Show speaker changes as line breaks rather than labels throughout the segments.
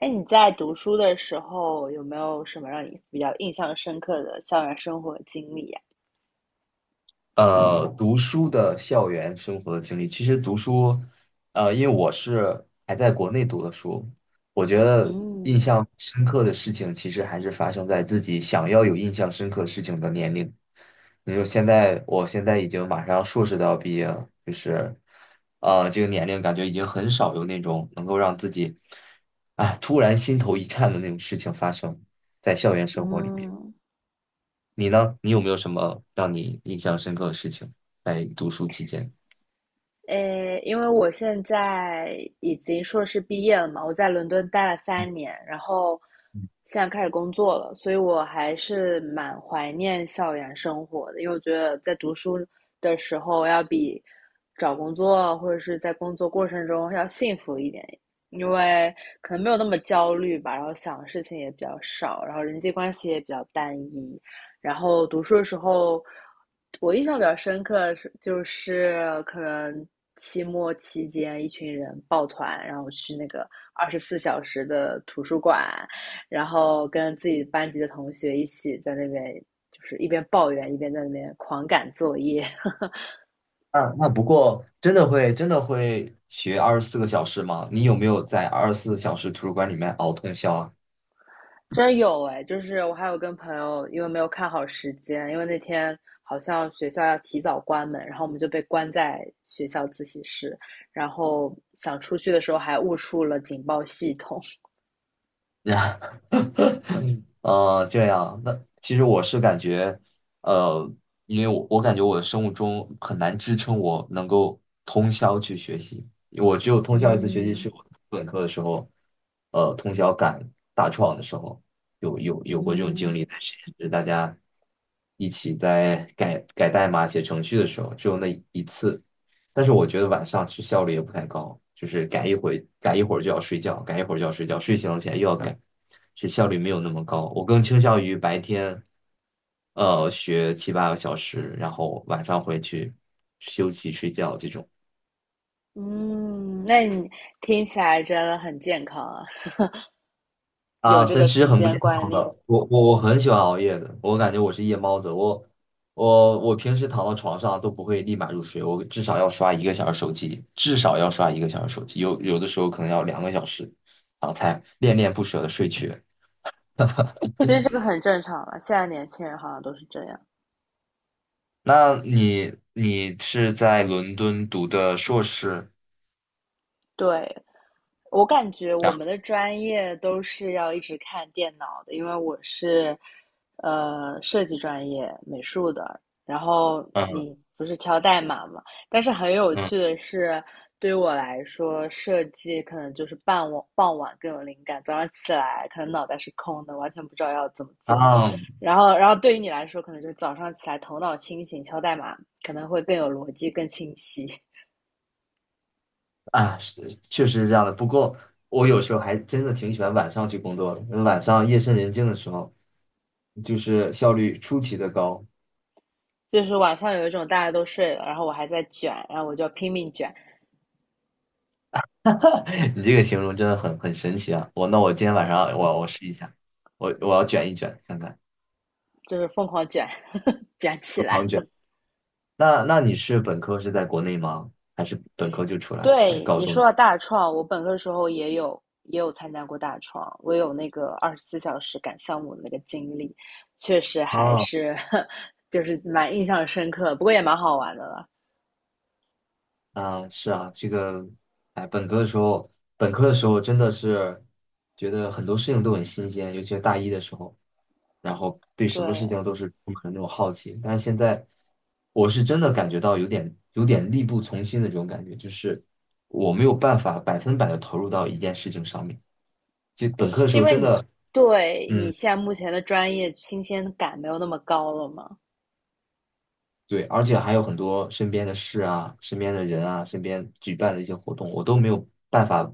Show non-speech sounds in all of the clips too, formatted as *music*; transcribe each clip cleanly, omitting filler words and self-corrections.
哎，你在读书的时候有没有什么让你比较印象深刻的校园生活经历呀？
读书的校园生活的经历，其实读书，因为我是还在国内读的书，我觉得印
嗯
象深刻的事情，其实还是发生在自己想要有印象深刻事情的年龄。你说现在，我现在已经马上硕士都要毕业了，就是，这个年龄感觉已经很少有那种能够让自己，突然心头一颤的那种事情发生在校园生活里面。
嗯，
你呢？你有没有什么让你印象深刻的事情在读书期间？
诶，因为我现在已经硕士毕业了嘛，我在伦敦待了3年，然后现在开始工作了，所以我还是蛮怀念校园生活的，因为我觉得在读书的时候要比找工作或者是在工作过程中要幸福一点，因为可能没有那么焦虑吧，然后想的事情也比较少，然后人际关系也比较单一，然后读书的时候，我印象比较深刻是就是可能期末期间一群人抱团，然后去那个二十四小时的图书馆，然后跟自己班级的同学一起在那边。就是一边抱怨一边在那边狂赶作业。*laughs*
啊，那不过真的会学24个小时吗？你有没有在24小时图书馆里面熬通宵
真有哎，就是我还有跟朋友，因为没有看好时间，因为那天好像学校要提早关门，然后我们就被关在学校自习室，然后想出去的时候还误触了警报系统。*laughs*
啊？*laughs* 这样，那其实我是感觉，呃，因为我感觉我的生物钟很难支撑我能够通宵去学习，我只有通宵一次学习
嗯
是我本科的时候，通宵赶大创的时候，有过这种经
嗯
历，但是就是大家一起在改改代码、写程序的时候，只有那一次，但是我觉得晚上其实效率也不太高，就是改一会改一会儿就要睡觉，改一会儿就要睡觉，睡醒了起来又要改。是效率没有那么高。我更倾向于白天，学七八个小时，然后晚上回去休息睡觉这种
嗯，那你听起来真的很健康啊。*laughs* 有
啊，
这
这
个
其实
时
很不
间
健
观
康的。
念。
我很喜欢熬夜的，我感觉我是夜猫子。我平时躺到床上都不会立马入睡，我至少要刷一个小时手机，至少要刷一个小时手机，有的时候可能要2个小时，然后才恋恋不舍的睡去。
其实这个很正常了，现在年轻人好像都是这样。
那你是在伦敦读的硕士？
对，我感觉
然
我
后
们的专业都是要一直看电脑的，因为我是呃设计专业美术的，然后
嗯。
你不是敲代码嘛？但是很有趣
嗯
的是，对于我来说，设计可能就是傍晚更有灵感，早上起来可能脑袋是空的，完全不知道要怎么做。
啊
然后对于你来说，可能就是早上起来头脑清醒，敲代码可能会更有逻辑、更清晰。
啊，是确实是这样的。不过我有时候还真的挺喜欢晚上去工作的，因为晚上夜深人静的时候，就是效率出奇的高。
就是晚上有一种大家都睡了，然后我还在卷，然后我就拼命卷，
*laughs* 你这个形容真的很神奇啊！那我今天晚上我试一下，我要卷一卷看看，
就是疯狂卷，卷起
我
来。
狂卷。那你是本科是在国内吗？还是本科就出来了？还是
对
高
你说
中？
到大创，我本科的时候也有参加过大创，我有那个二十四小时赶项目的那个经历，确实还
哦，
是就是蛮印象深刻，不过也蛮好玩的了。
啊，是啊，这个，哎，本科的时候，本科的时候真的是觉得很多事情都很新鲜，尤其是大一的时候。然后对什么事情
对，
都是充满那种好奇。但是现在，我是真的感觉到有点力不从心的这种感觉，就是我没有办法百分百的投入到一件事情上面。就本科的时
是
候
因为
真
你
的，
对你
嗯，
现在目前的专业新鲜感没有那么高了吗？
对，而且还有很多身边的事啊、身边的人啊、身边举办的一些活动，我都没有办法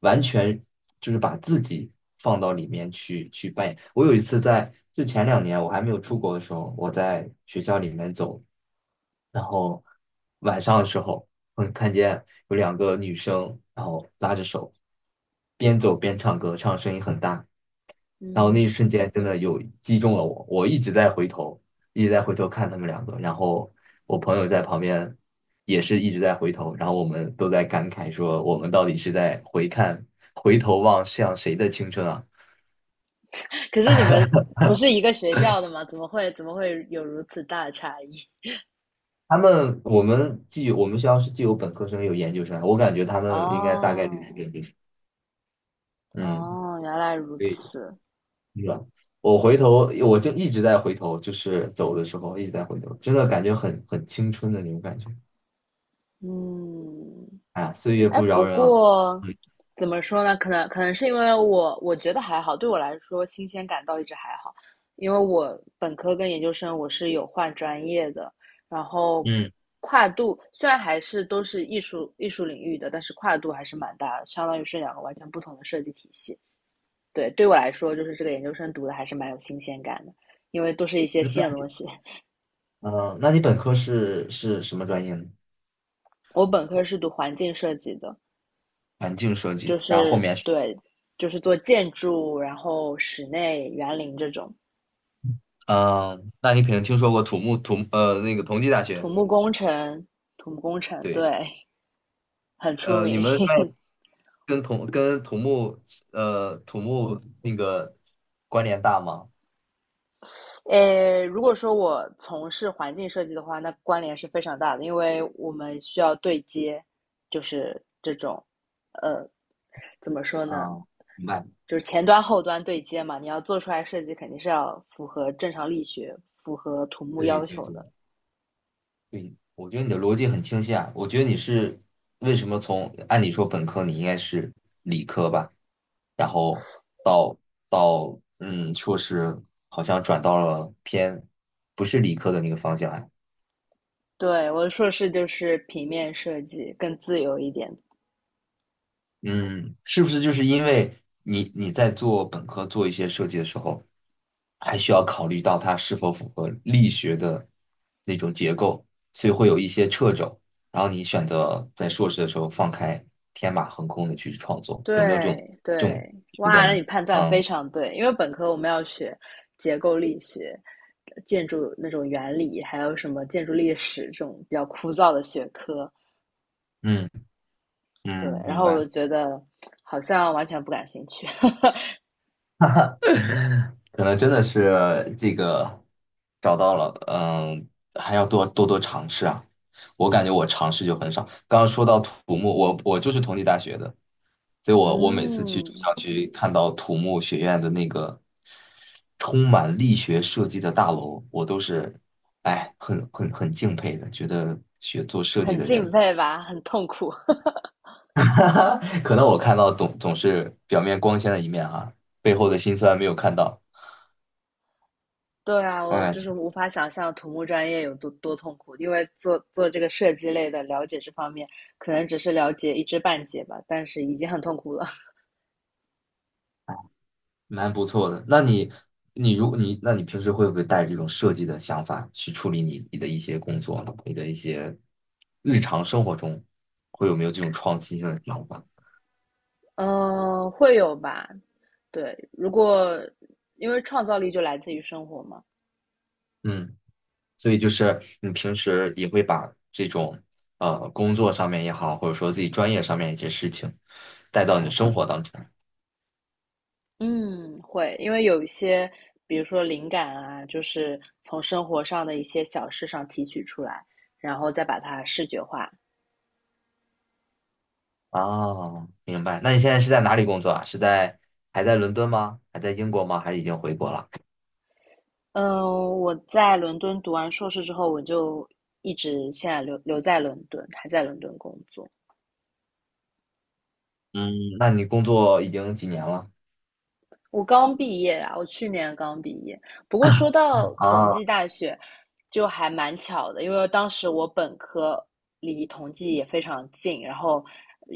完全就是把自己放到里面去扮演。我有一次在就前2年我还没有出国的时候，我在学校里面走。然后晚上的时候，我看见有两个女生，然后拉着手，边走边唱歌，唱声音很大。然后那
嗯。
一瞬间真的有击中了我，我一直在回头，一直在回头看他们两个。然后我朋友在旁边也是一直在回头，然后我们都在感慨说，我们到底是在回看、回头望向谁的青春啊？
*laughs* 可是你们不是一个学校的吗？怎么会有如此大的差异？
他们，我们既我们学校是既有本科生也有研究生，我感觉他们应该大概率是
哦，
这生。嗯。
哦，原来如
对。
此。
是吧？我回头，我就一直在回头，就是走的时候一直在回头，真的感觉很青春的那种感觉。
嗯，
哎呀，岁月
哎，
不饶
不
人啊！
过
嗯，
怎么说呢？可能是因为我我觉得还好，对我来说新鲜感倒一直还好，因为我本科跟研究生我是有换专业的，然后
嗯，
跨度虽然还是都是艺术领域的，但是跨度还是蛮大的，相当于是两个完全不同的设计体系。对，对我来说，就是这个研究生读的还是蛮有新鲜感的，因为都是一些
嗯那
新的东
嗯
西。
那你本科是什么专业呢？
我本科是读环境设计的，
环境设计，
就
然后后
是
面是
对，就是做建筑，然后室内园林这种
嗯，那你肯定听说过土木土呃那个同济大
土
学，
木工程，土木工程
对，
对，很出
你
名。
们那
*laughs*
跟土木那个关联大吗？
呃，如果说我从事环境设计的话，那关联是非常大的，因为我们需要对接，就是这种，呃，怎么说呢？
啊，明白，
就是前端后端对接嘛，你要做出来设计，肯定是要符合正常力学、符合土木
对
要
对
求
对，
的。
对，我觉得你的逻辑很清晰啊。我觉得你是为什么从按理说本科你应该是理科吧，然后到到硕士好像转到了偏不是理科的那个方向啊。
对，我的硕士就是平面设计，更自由一点。
嗯，是不是就是因为你在做本科做一些设计的时候，还需要考虑到它是否符合力学的那种结构，所以会有一些掣肘。然后你选择在硕士的时候放开天马行空的去创作，有没有这种
对
这种
对，
因素在
哇，
里
那
面？
你判断非
嗯
常对，因为本科我们要学结构力学、建筑那种原理，还有什么建筑历史这种比较枯燥的学科。
嗯
对，
嗯，
然
明
后我
白。
就觉得好像完全不感兴趣。*laughs*
*laughs* 可能真的是这个找到了，嗯，还要多多尝试啊。我感觉我尝试就很少。刚刚说到土木，我就是同济大学的，所以我每次去住
嗯，
校区看到土木学院的那个充满力学设计的大楼，我都是很敬佩的，觉得学做设计
很
的
敬
人，
佩吧，很痛苦。
*laughs* 可能我看到总是表面光鲜的一面啊，背后的辛酸没有看到。
对啊，我
哎，
就是无法想象土木专业有多痛苦，因为做这个设计类的，了解这方面可能只是了解一知半解吧，但是已经很痛苦了。*laughs*
蛮不错的。那你，你如果你，那你平时会不会带着这种设计的想法去处理你的一些工作呢你的一些日常生活中，会有没有这种创新性的想法？
嗯、会有吧？对，如果因为创造力就来自于生活嘛，
嗯，所以就是你平时也会把这种工作上面也好，或者说自己专业上面一些事情带到你的生活当中。
嗯，会，因为有一些，比如说灵感啊，就是从生活上的一些小事上提取出来，然后再把它视觉化。
哦，明白。那你现在是在哪里工作啊？是在还在伦敦吗？还在英国吗？还是已经回国了？
嗯，我在伦敦读完硕士之后，我就一直现在留在伦敦，还在伦敦工作。
嗯，那你工作已经几年了？
我刚毕业啊，我去年刚毕业。不过说到同
啊，
济大学，就还蛮巧的，因为当时我本科离同济也非常近，然后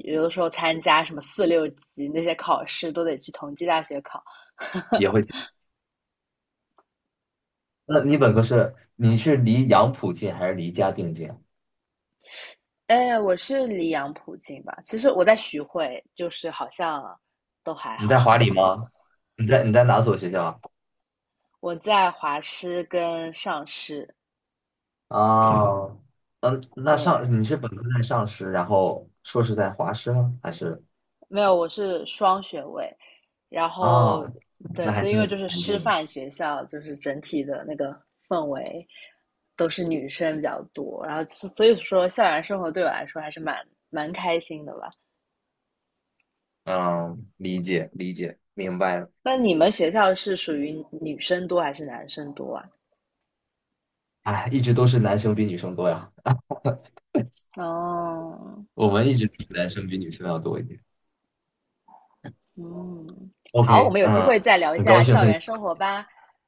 有的时候参加什么四六级那些考试都得去同济大学考。
也会那你本科是你是离杨浦近还是离嘉定近？
哎，我是离杨浦近吧？其实我在徐汇，就是好像都还
你
好。
在华理
*laughs*
吗？你在哪所学校啊？
我在华师跟上师，
哦，嗯，那上你
对，
是本科在上师，然后硕士在华师吗？还是
没有，我是双学位，然后
啊？
对，
那还
所以因为就
是
是
很
师
近的。
范学校，就是整体的那个氛围都是女生比较多，然后所以说校园生活对我来说还是蛮开心的吧。
嗯，理解理解，明白了。
那你们学校是属于女生多还是男生多啊？
哎，一直都是男生比女生多呀，
哦，
我们一直比男生比女生要多一点。
嗯，好，我
OK,
们有机
嗯，
会再聊一
很高
下
兴
校
和你。
园生活吧。